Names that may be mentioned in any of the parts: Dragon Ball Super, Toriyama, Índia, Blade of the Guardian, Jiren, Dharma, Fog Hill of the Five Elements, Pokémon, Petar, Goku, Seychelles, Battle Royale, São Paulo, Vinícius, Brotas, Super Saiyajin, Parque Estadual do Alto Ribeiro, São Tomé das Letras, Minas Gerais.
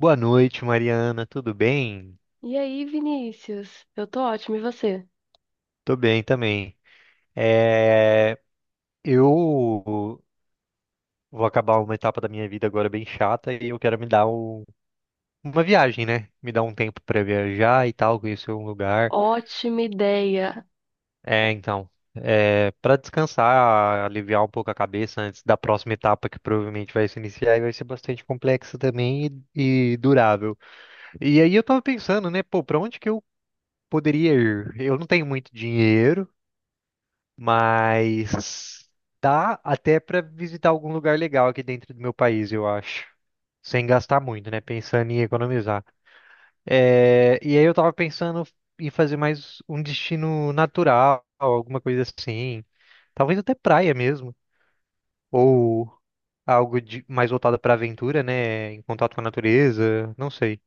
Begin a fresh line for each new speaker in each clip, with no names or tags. Boa noite, Mariana. Tudo bem?
E aí, Vinícius? Eu tô ótima, e você?
Tô bem também. É, eu vou acabar uma etapa da minha vida agora bem chata e eu quero me dar uma viagem, né? Me dar um tempo pra viajar e tal, conhecer um lugar.
Ótima ideia.
É, então, Para descansar, aliviar um pouco a cabeça antes da próxima etapa que provavelmente vai se iniciar e vai ser bastante complexa também e durável. E aí eu tava pensando, né? Pô, pra onde que eu poderia ir? Eu não tenho muito dinheiro. Mas dá até para visitar algum lugar legal aqui dentro do meu país, eu acho. Sem gastar muito, né? Pensando em economizar. E aí eu tava pensando em fazer mais um destino natural, alguma coisa assim. Talvez até praia mesmo. Ou mais voltado para aventura, né? Em contato com a natureza, não sei.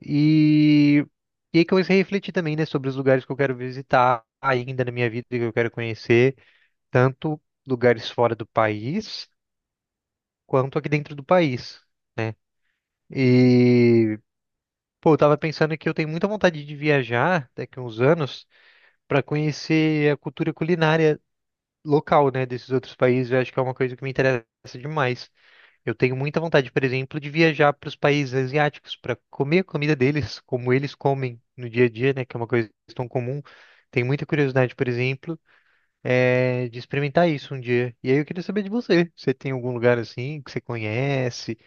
E, e aí comecei a refletir também, né, sobre os lugares que eu quero visitar ainda na minha vida, que eu quero conhecer. Tanto lugares fora do país quanto aqui dentro do país. E, Pô, eu tava pensando que eu tenho muita vontade de viajar daqui a uns anos para conhecer a cultura culinária local, né, desses outros países. Eu acho que é uma coisa que me interessa demais. Eu tenho muita vontade, por exemplo, de viajar para os países asiáticos para comer a comida deles, como eles comem no dia a dia, né, que é uma coisa tão comum. Tenho muita curiosidade, por exemplo de experimentar isso um dia. E aí eu queria saber de você. Você tem algum lugar assim que você conhece,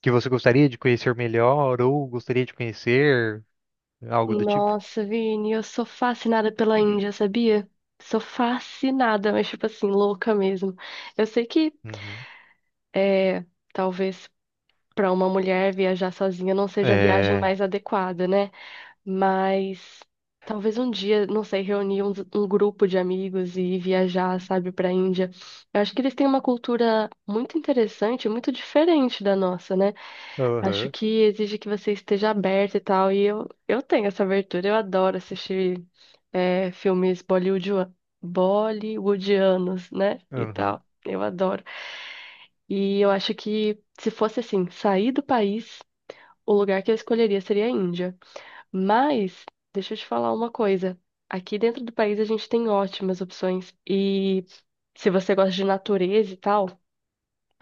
que você gostaria de conhecer melhor ou gostaria de conhecer, algo do tipo?
Nossa, Vini, eu sou fascinada pela Índia, sabia? Sou fascinada, mas tipo assim, louca mesmo. Eu sei que
Uhum.
é, talvez pra uma mulher viajar sozinha não seja a viagem
É.
mais adequada, né? Mas talvez um dia, não sei, reunir um grupo de amigos e ir viajar, sabe, pra Índia. Eu acho que eles têm uma cultura muito interessante, muito diferente da nossa, né? Acho
Aham.
que exige que você esteja aberta e tal. E eu tenho essa abertura. Eu adoro assistir filmes bollywoodianos, né? E
Aham.
tal. Eu adoro. E eu acho que se fosse assim, sair do país, o lugar que eu escolheria seria a Índia. Mas, deixa eu te falar uma coisa. Aqui dentro do país a gente tem ótimas opções. E se você gosta de natureza e tal.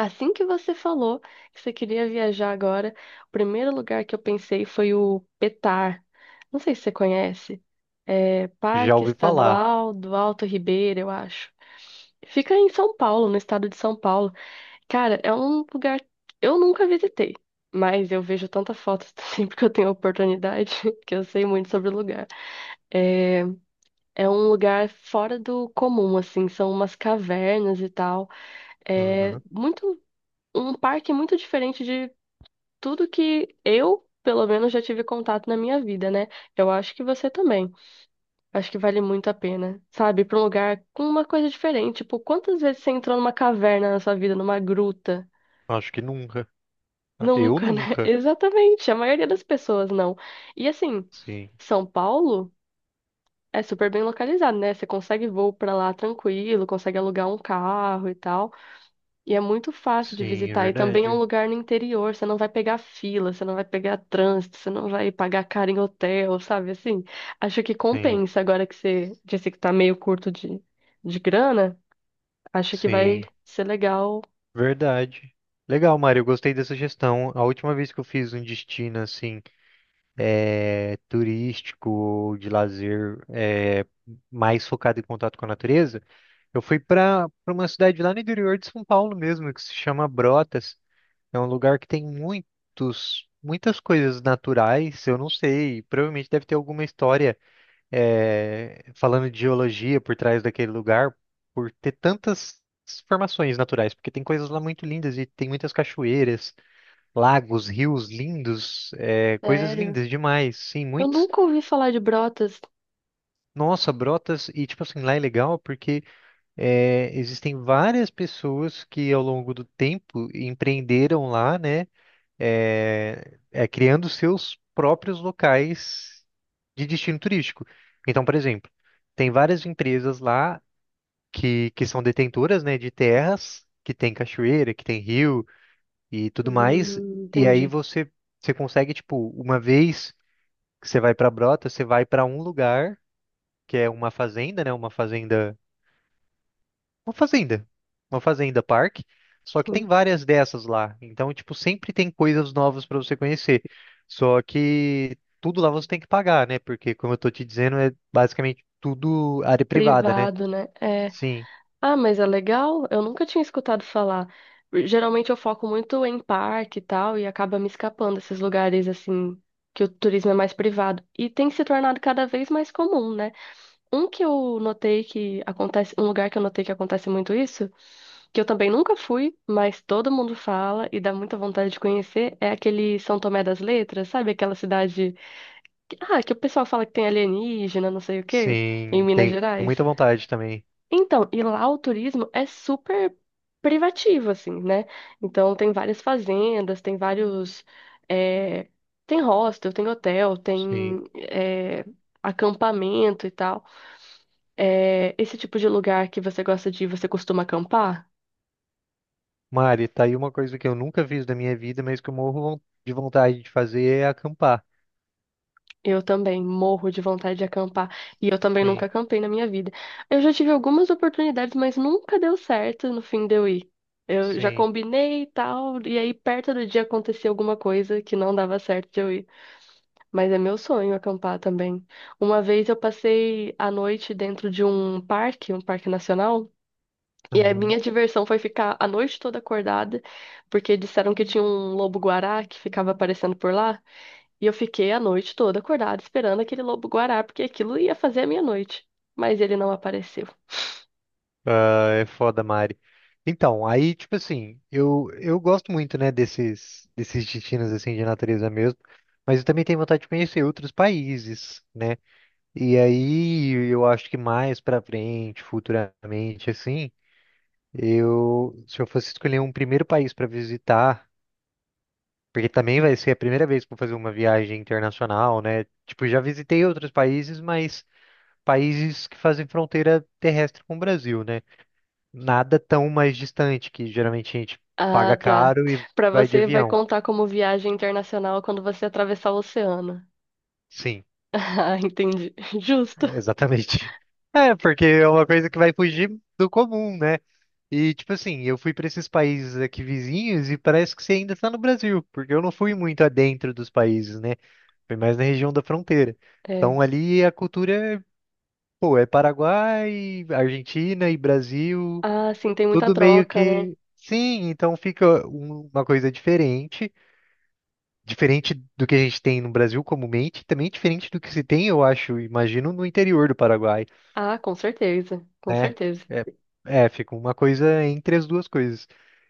Assim que você falou que você queria viajar agora, o primeiro lugar que eu pensei foi o Petar. Não sei se você conhece. É
Já
Parque
ouvi falar.
Estadual do Alto Ribeiro, eu acho. Fica em São Paulo, no estado de São Paulo. Cara, é um lugar que eu nunca visitei, mas eu vejo tanta fotos sempre que eu tenho oportunidade que eu sei muito sobre o lugar. É um lugar fora do comum, assim, são umas cavernas e tal. É
Uhum.
muito um parque muito diferente tudo que eu, pelo menos, já tive contato na minha vida, né? Eu acho que você também. Acho que vale muito a pena, sabe? Ir pra um lugar com uma coisa diferente. Tipo, quantas vezes você entrou numa caverna na sua vida, numa gruta?
Acho que nunca. Eu
Nunca, né?
nunca.
Exatamente. A maioria das pessoas não. E assim,
Sim.
São Paulo é super bem localizado, né? Você consegue voo pra lá tranquilo, consegue alugar um carro e tal. E é muito fácil de
Sim, é
visitar. E também é um
verdade.
lugar no interior. Você não vai pegar fila, você não vai pegar trânsito, você não vai pagar caro em hotel, sabe? Assim, acho que
Sim.
compensa. Agora que você disse que tá meio curto de grana, acho que vai
Sim.
ser legal.
Verdade. Legal, Mário. Eu gostei dessa gestão. A última vez que eu fiz um destino assim turístico ou de lazer mais focado em contato com a natureza, eu fui para uma cidade lá no interior de São Paulo mesmo, que se chama Brotas. É um lugar que tem muitas coisas naturais. Eu não sei, provavelmente deve ter alguma história falando de geologia por trás daquele lugar, por ter tantas formações naturais, porque tem coisas lá muito lindas e tem muitas cachoeiras, lagos, rios lindos, coisas
Sério.
lindas demais. Sim,
Eu
muito.
nunca ouvi falar de Brotas.
Nossa, Brotas, e tipo assim, lá é legal porque existem várias pessoas que ao longo do tempo empreenderam lá, né? Criando seus próprios locais de destino turístico. Então, por exemplo, tem várias empresas lá que são detentoras, né, de terras, que tem cachoeira, que tem rio e tudo mais. E
Entendi.
aí você, Você consegue, tipo, uma vez que você vai para Brotas, você vai para um lugar, que é uma fazenda, né? Uma fazenda, uma fazenda parque, só que tem
Sim.
várias dessas lá. Então, tipo, sempre tem coisas novas para você conhecer. Só que tudo lá você tem que pagar, né? Porque, como eu tô te dizendo, é basicamente tudo área privada, né?
Privado, né? É.
Sim,
Ah, mas é legal. Eu nunca tinha escutado falar. Geralmente eu foco muito em parque e tal, e acaba me escapando esses lugares assim que o turismo é mais privado. E tem se tornado cada vez mais comum, né? Um que eu notei que acontece, um lugar que eu notei que acontece muito isso, que eu também nunca fui, mas todo mundo fala e dá muita vontade de conhecer, é aquele São Tomé das Letras, sabe? Aquela cidade que, ah, que o pessoal fala que tem alienígena, não sei o quê, em
sim,
Minas
tenho
Gerais.
muita vontade também.
Então, e lá o turismo é super privativo, assim, né? Então, tem várias fazendas, tem vários. é, Tem hostel, tem hotel,
Sim.
tem acampamento e tal. É, esse tipo de lugar que você gosta de ir, você costuma acampar?
Mari, tá aí uma coisa que eu nunca fiz da minha vida, mas que eu morro de vontade de fazer é acampar.
Eu também morro de vontade de acampar. E eu também nunca
Sim,
acampei na minha vida. Eu já tive algumas oportunidades, mas nunca deu certo no fim de eu ir. Eu já
sim.
combinei e tal, e aí perto do dia acontecia alguma coisa que não dava certo de eu ir. Mas é meu sonho acampar também. Uma vez eu passei a noite dentro de um parque nacional, e a minha diversão foi ficar a noite toda acordada, porque disseram que tinha um lobo-guará que ficava aparecendo por lá. E eu fiquei a noite toda acordada esperando aquele lobo-guará, porque aquilo ia fazer a minha noite. Mas ele não apareceu.
É foda, Mari. Então, aí, tipo assim, eu gosto muito, né, desses destinos, assim, de natureza mesmo, mas eu também tenho vontade de conhecer outros países, né? E aí, eu acho que mais pra frente, futuramente, assim, eu, se eu fosse escolher um primeiro país pra visitar, porque também vai ser a primeira vez que eu vou fazer uma viagem internacional, né? Tipo, já visitei outros países, mas países que fazem fronteira terrestre com o Brasil, né? Nada tão mais distante, que geralmente a gente paga
Ah, tá.
caro e
Pra
vai de
você vai
avião.
contar como viagem internacional quando você atravessar o oceano.
Sim,
Ah, entendi. Justo.
exatamente. É, porque é uma coisa que vai fugir do comum, né? E, tipo assim, eu fui para esses países aqui vizinhos e parece que você ainda está no Brasil, porque eu não fui muito adentro dos países, né? Foi mais na região da fronteira.
É.
Então, ali a cultura, pô, é Paraguai, Argentina e Brasil,
Ah, sim, tem muita
tudo meio
troca, né?
que. Sim, então fica uma coisa diferente. Diferente do que a gente tem no Brasil comumente, também diferente do que se tem, eu acho, imagino, no interior do Paraguai,
Ah, com certeza, com
né?
certeza.
É, Fica uma coisa entre as duas coisas.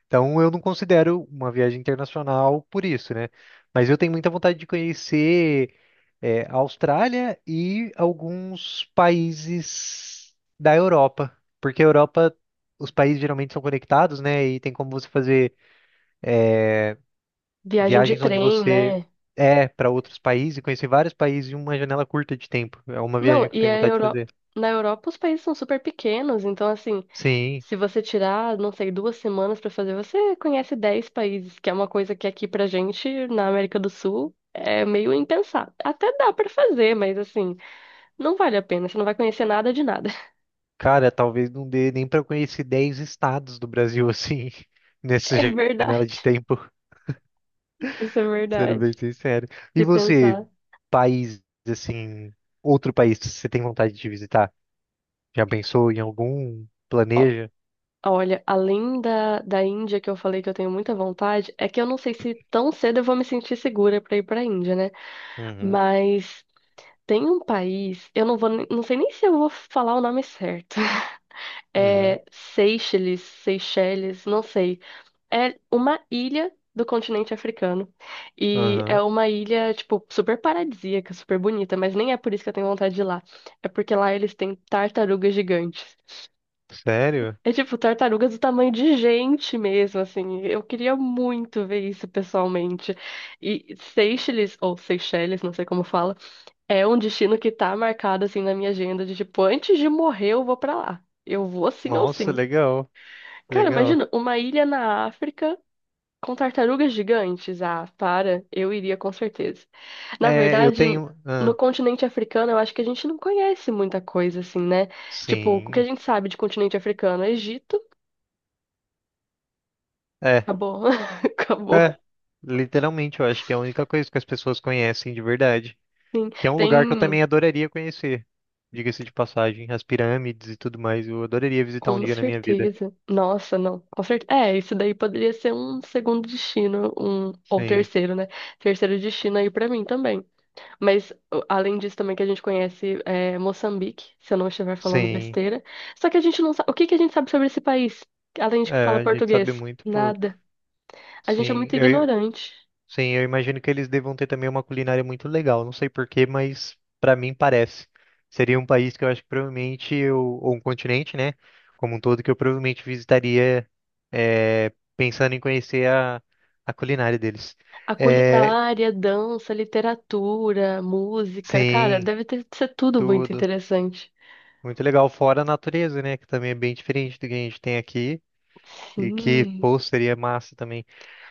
Então, eu não considero uma viagem internacional por isso, né? Mas eu tenho muita vontade de conhecer a Austrália e alguns países da Europa, porque a Europa, os países geralmente são conectados, né? E tem como você fazer
Viagem de
viagens onde
trem,
você
né?
para outros países e conhecer vários países em uma janela curta de tempo. É uma
Não,
viagem que eu
e
tenho
a
vontade de
Euro...
fazer.
Na Europa os países são super pequenos, então assim,
Sim,
se você tirar, não sei, duas semanas pra fazer, você conhece 10 países, que é uma coisa que aqui pra gente, na América do Sul, é meio impensável. Até dá pra fazer, mas assim, não vale a pena, você não vai conhecer nada de nada.
cara, talvez não dê nem para conhecer 10 estados do Brasil assim, nessa
É
janela
verdade.
de tempo,
Isso é
sendo
verdade.
bem sincero. E
Se
você,
pensar.
país assim, outro país que você tem vontade de visitar? Já pensou em algum? Planeja?
Olha, além da Índia, que eu falei que eu tenho muita vontade, é que eu não sei se tão cedo eu vou me sentir segura pra ir pra Índia, né?
Uhum,
Mas tem um país, eu não vou, nem- não sei nem se eu vou falar o nome certo.
uhum,
É Seychelles, Seychelles, não sei. É uma ilha do continente africano. E é
aham.
uma ilha, tipo, super paradisíaca, super bonita, mas nem é por isso que eu tenho vontade de ir lá. É porque lá eles têm tartarugas gigantes.
Sério?
É tipo, tartarugas do tamanho de gente mesmo, assim. Eu queria muito ver isso pessoalmente. E Seychelles, ou Seychelles, não sei como fala, é um destino que tá marcado, assim, na minha agenda de, tipo, antes de morrer eu vou pra lá. Eu vou sim ou
Nossa,
sim.
legal,
Cara,
legal.
imagina, uma ilha na África com tartarugas gigantes. Ah, para, eu iria com certeza. Na
É, eu
verdade,
tenho.
no
Ah,
continente africano, eu acho que a gente não conhece muita coisa assim, né? Tipo, o que a
sim.
gente sabe de continente africano? É Egito,
É,
acabou,
é.
acabou.
Literalmente, eu acho que é a única coisa que as pessoas conhecem de verdade.
Sim,
Que é um lugar que eu
tem,
também adoraria conhecer. Diga-se de passagem, as pirâmides e tudo mais, eu adoraria visitar um
com
dia na minha vida.
certeza. Nossa, não, com certeza. É, isso daí poderia ser um segundo destino, um ou
Sim,
terceiro, né? Terceiro destino aí pra mim também. Mas, além disso, também que a gente conhece é, Moçambique, se eu não estiver falando
sim.
besteira. Só que a gente não sabe. O que que a gente sabe sobre esse país? Além de que
É,
fala
a gente sabe
português?
muito pouco.
Nada. A gente é
Sim,
muito
eu,
ignorante.
Sim, eu imagino que eles devam ter também uma culinária muito legal. Não sei porquê, mas para mim parece. Seria um país que eu acho que provavelmente eu, ou um continente, né? Como um todo, que eu provavelmente visitaria pensando em conhecer a culinária deles.
A
É,
culinária, dança, literatura, música, cara,
sim,
deve ter, ser tudo muito
tudo.
interessante.
Muito legal. Fora a natureza, né? Que também é bem diferente do que a gente tem aqui. E que,
Sim.
pô, seria massa também.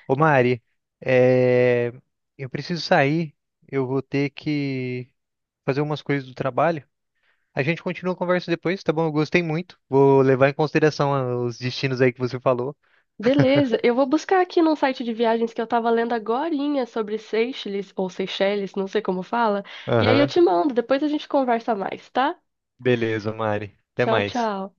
Ô Mari, é, eu preciso sair, eu vou ter que fazer umas coisas do trabalho. A gente continua a conversa depois, tá bom? Eu gostei muito. Vou levar em consideração os destinos aí que você falou.
Beleza, eu vou buscar aqui num site de viagens que eu tava lendo agorinha sobre Seychelles, ou Seychelles, não sei como fala, e aí eu
Aham,
te mando, depois a gente conversa mais, tá?
beleza, Mari. Até
Tchau,
mais. Tchau.
tchau.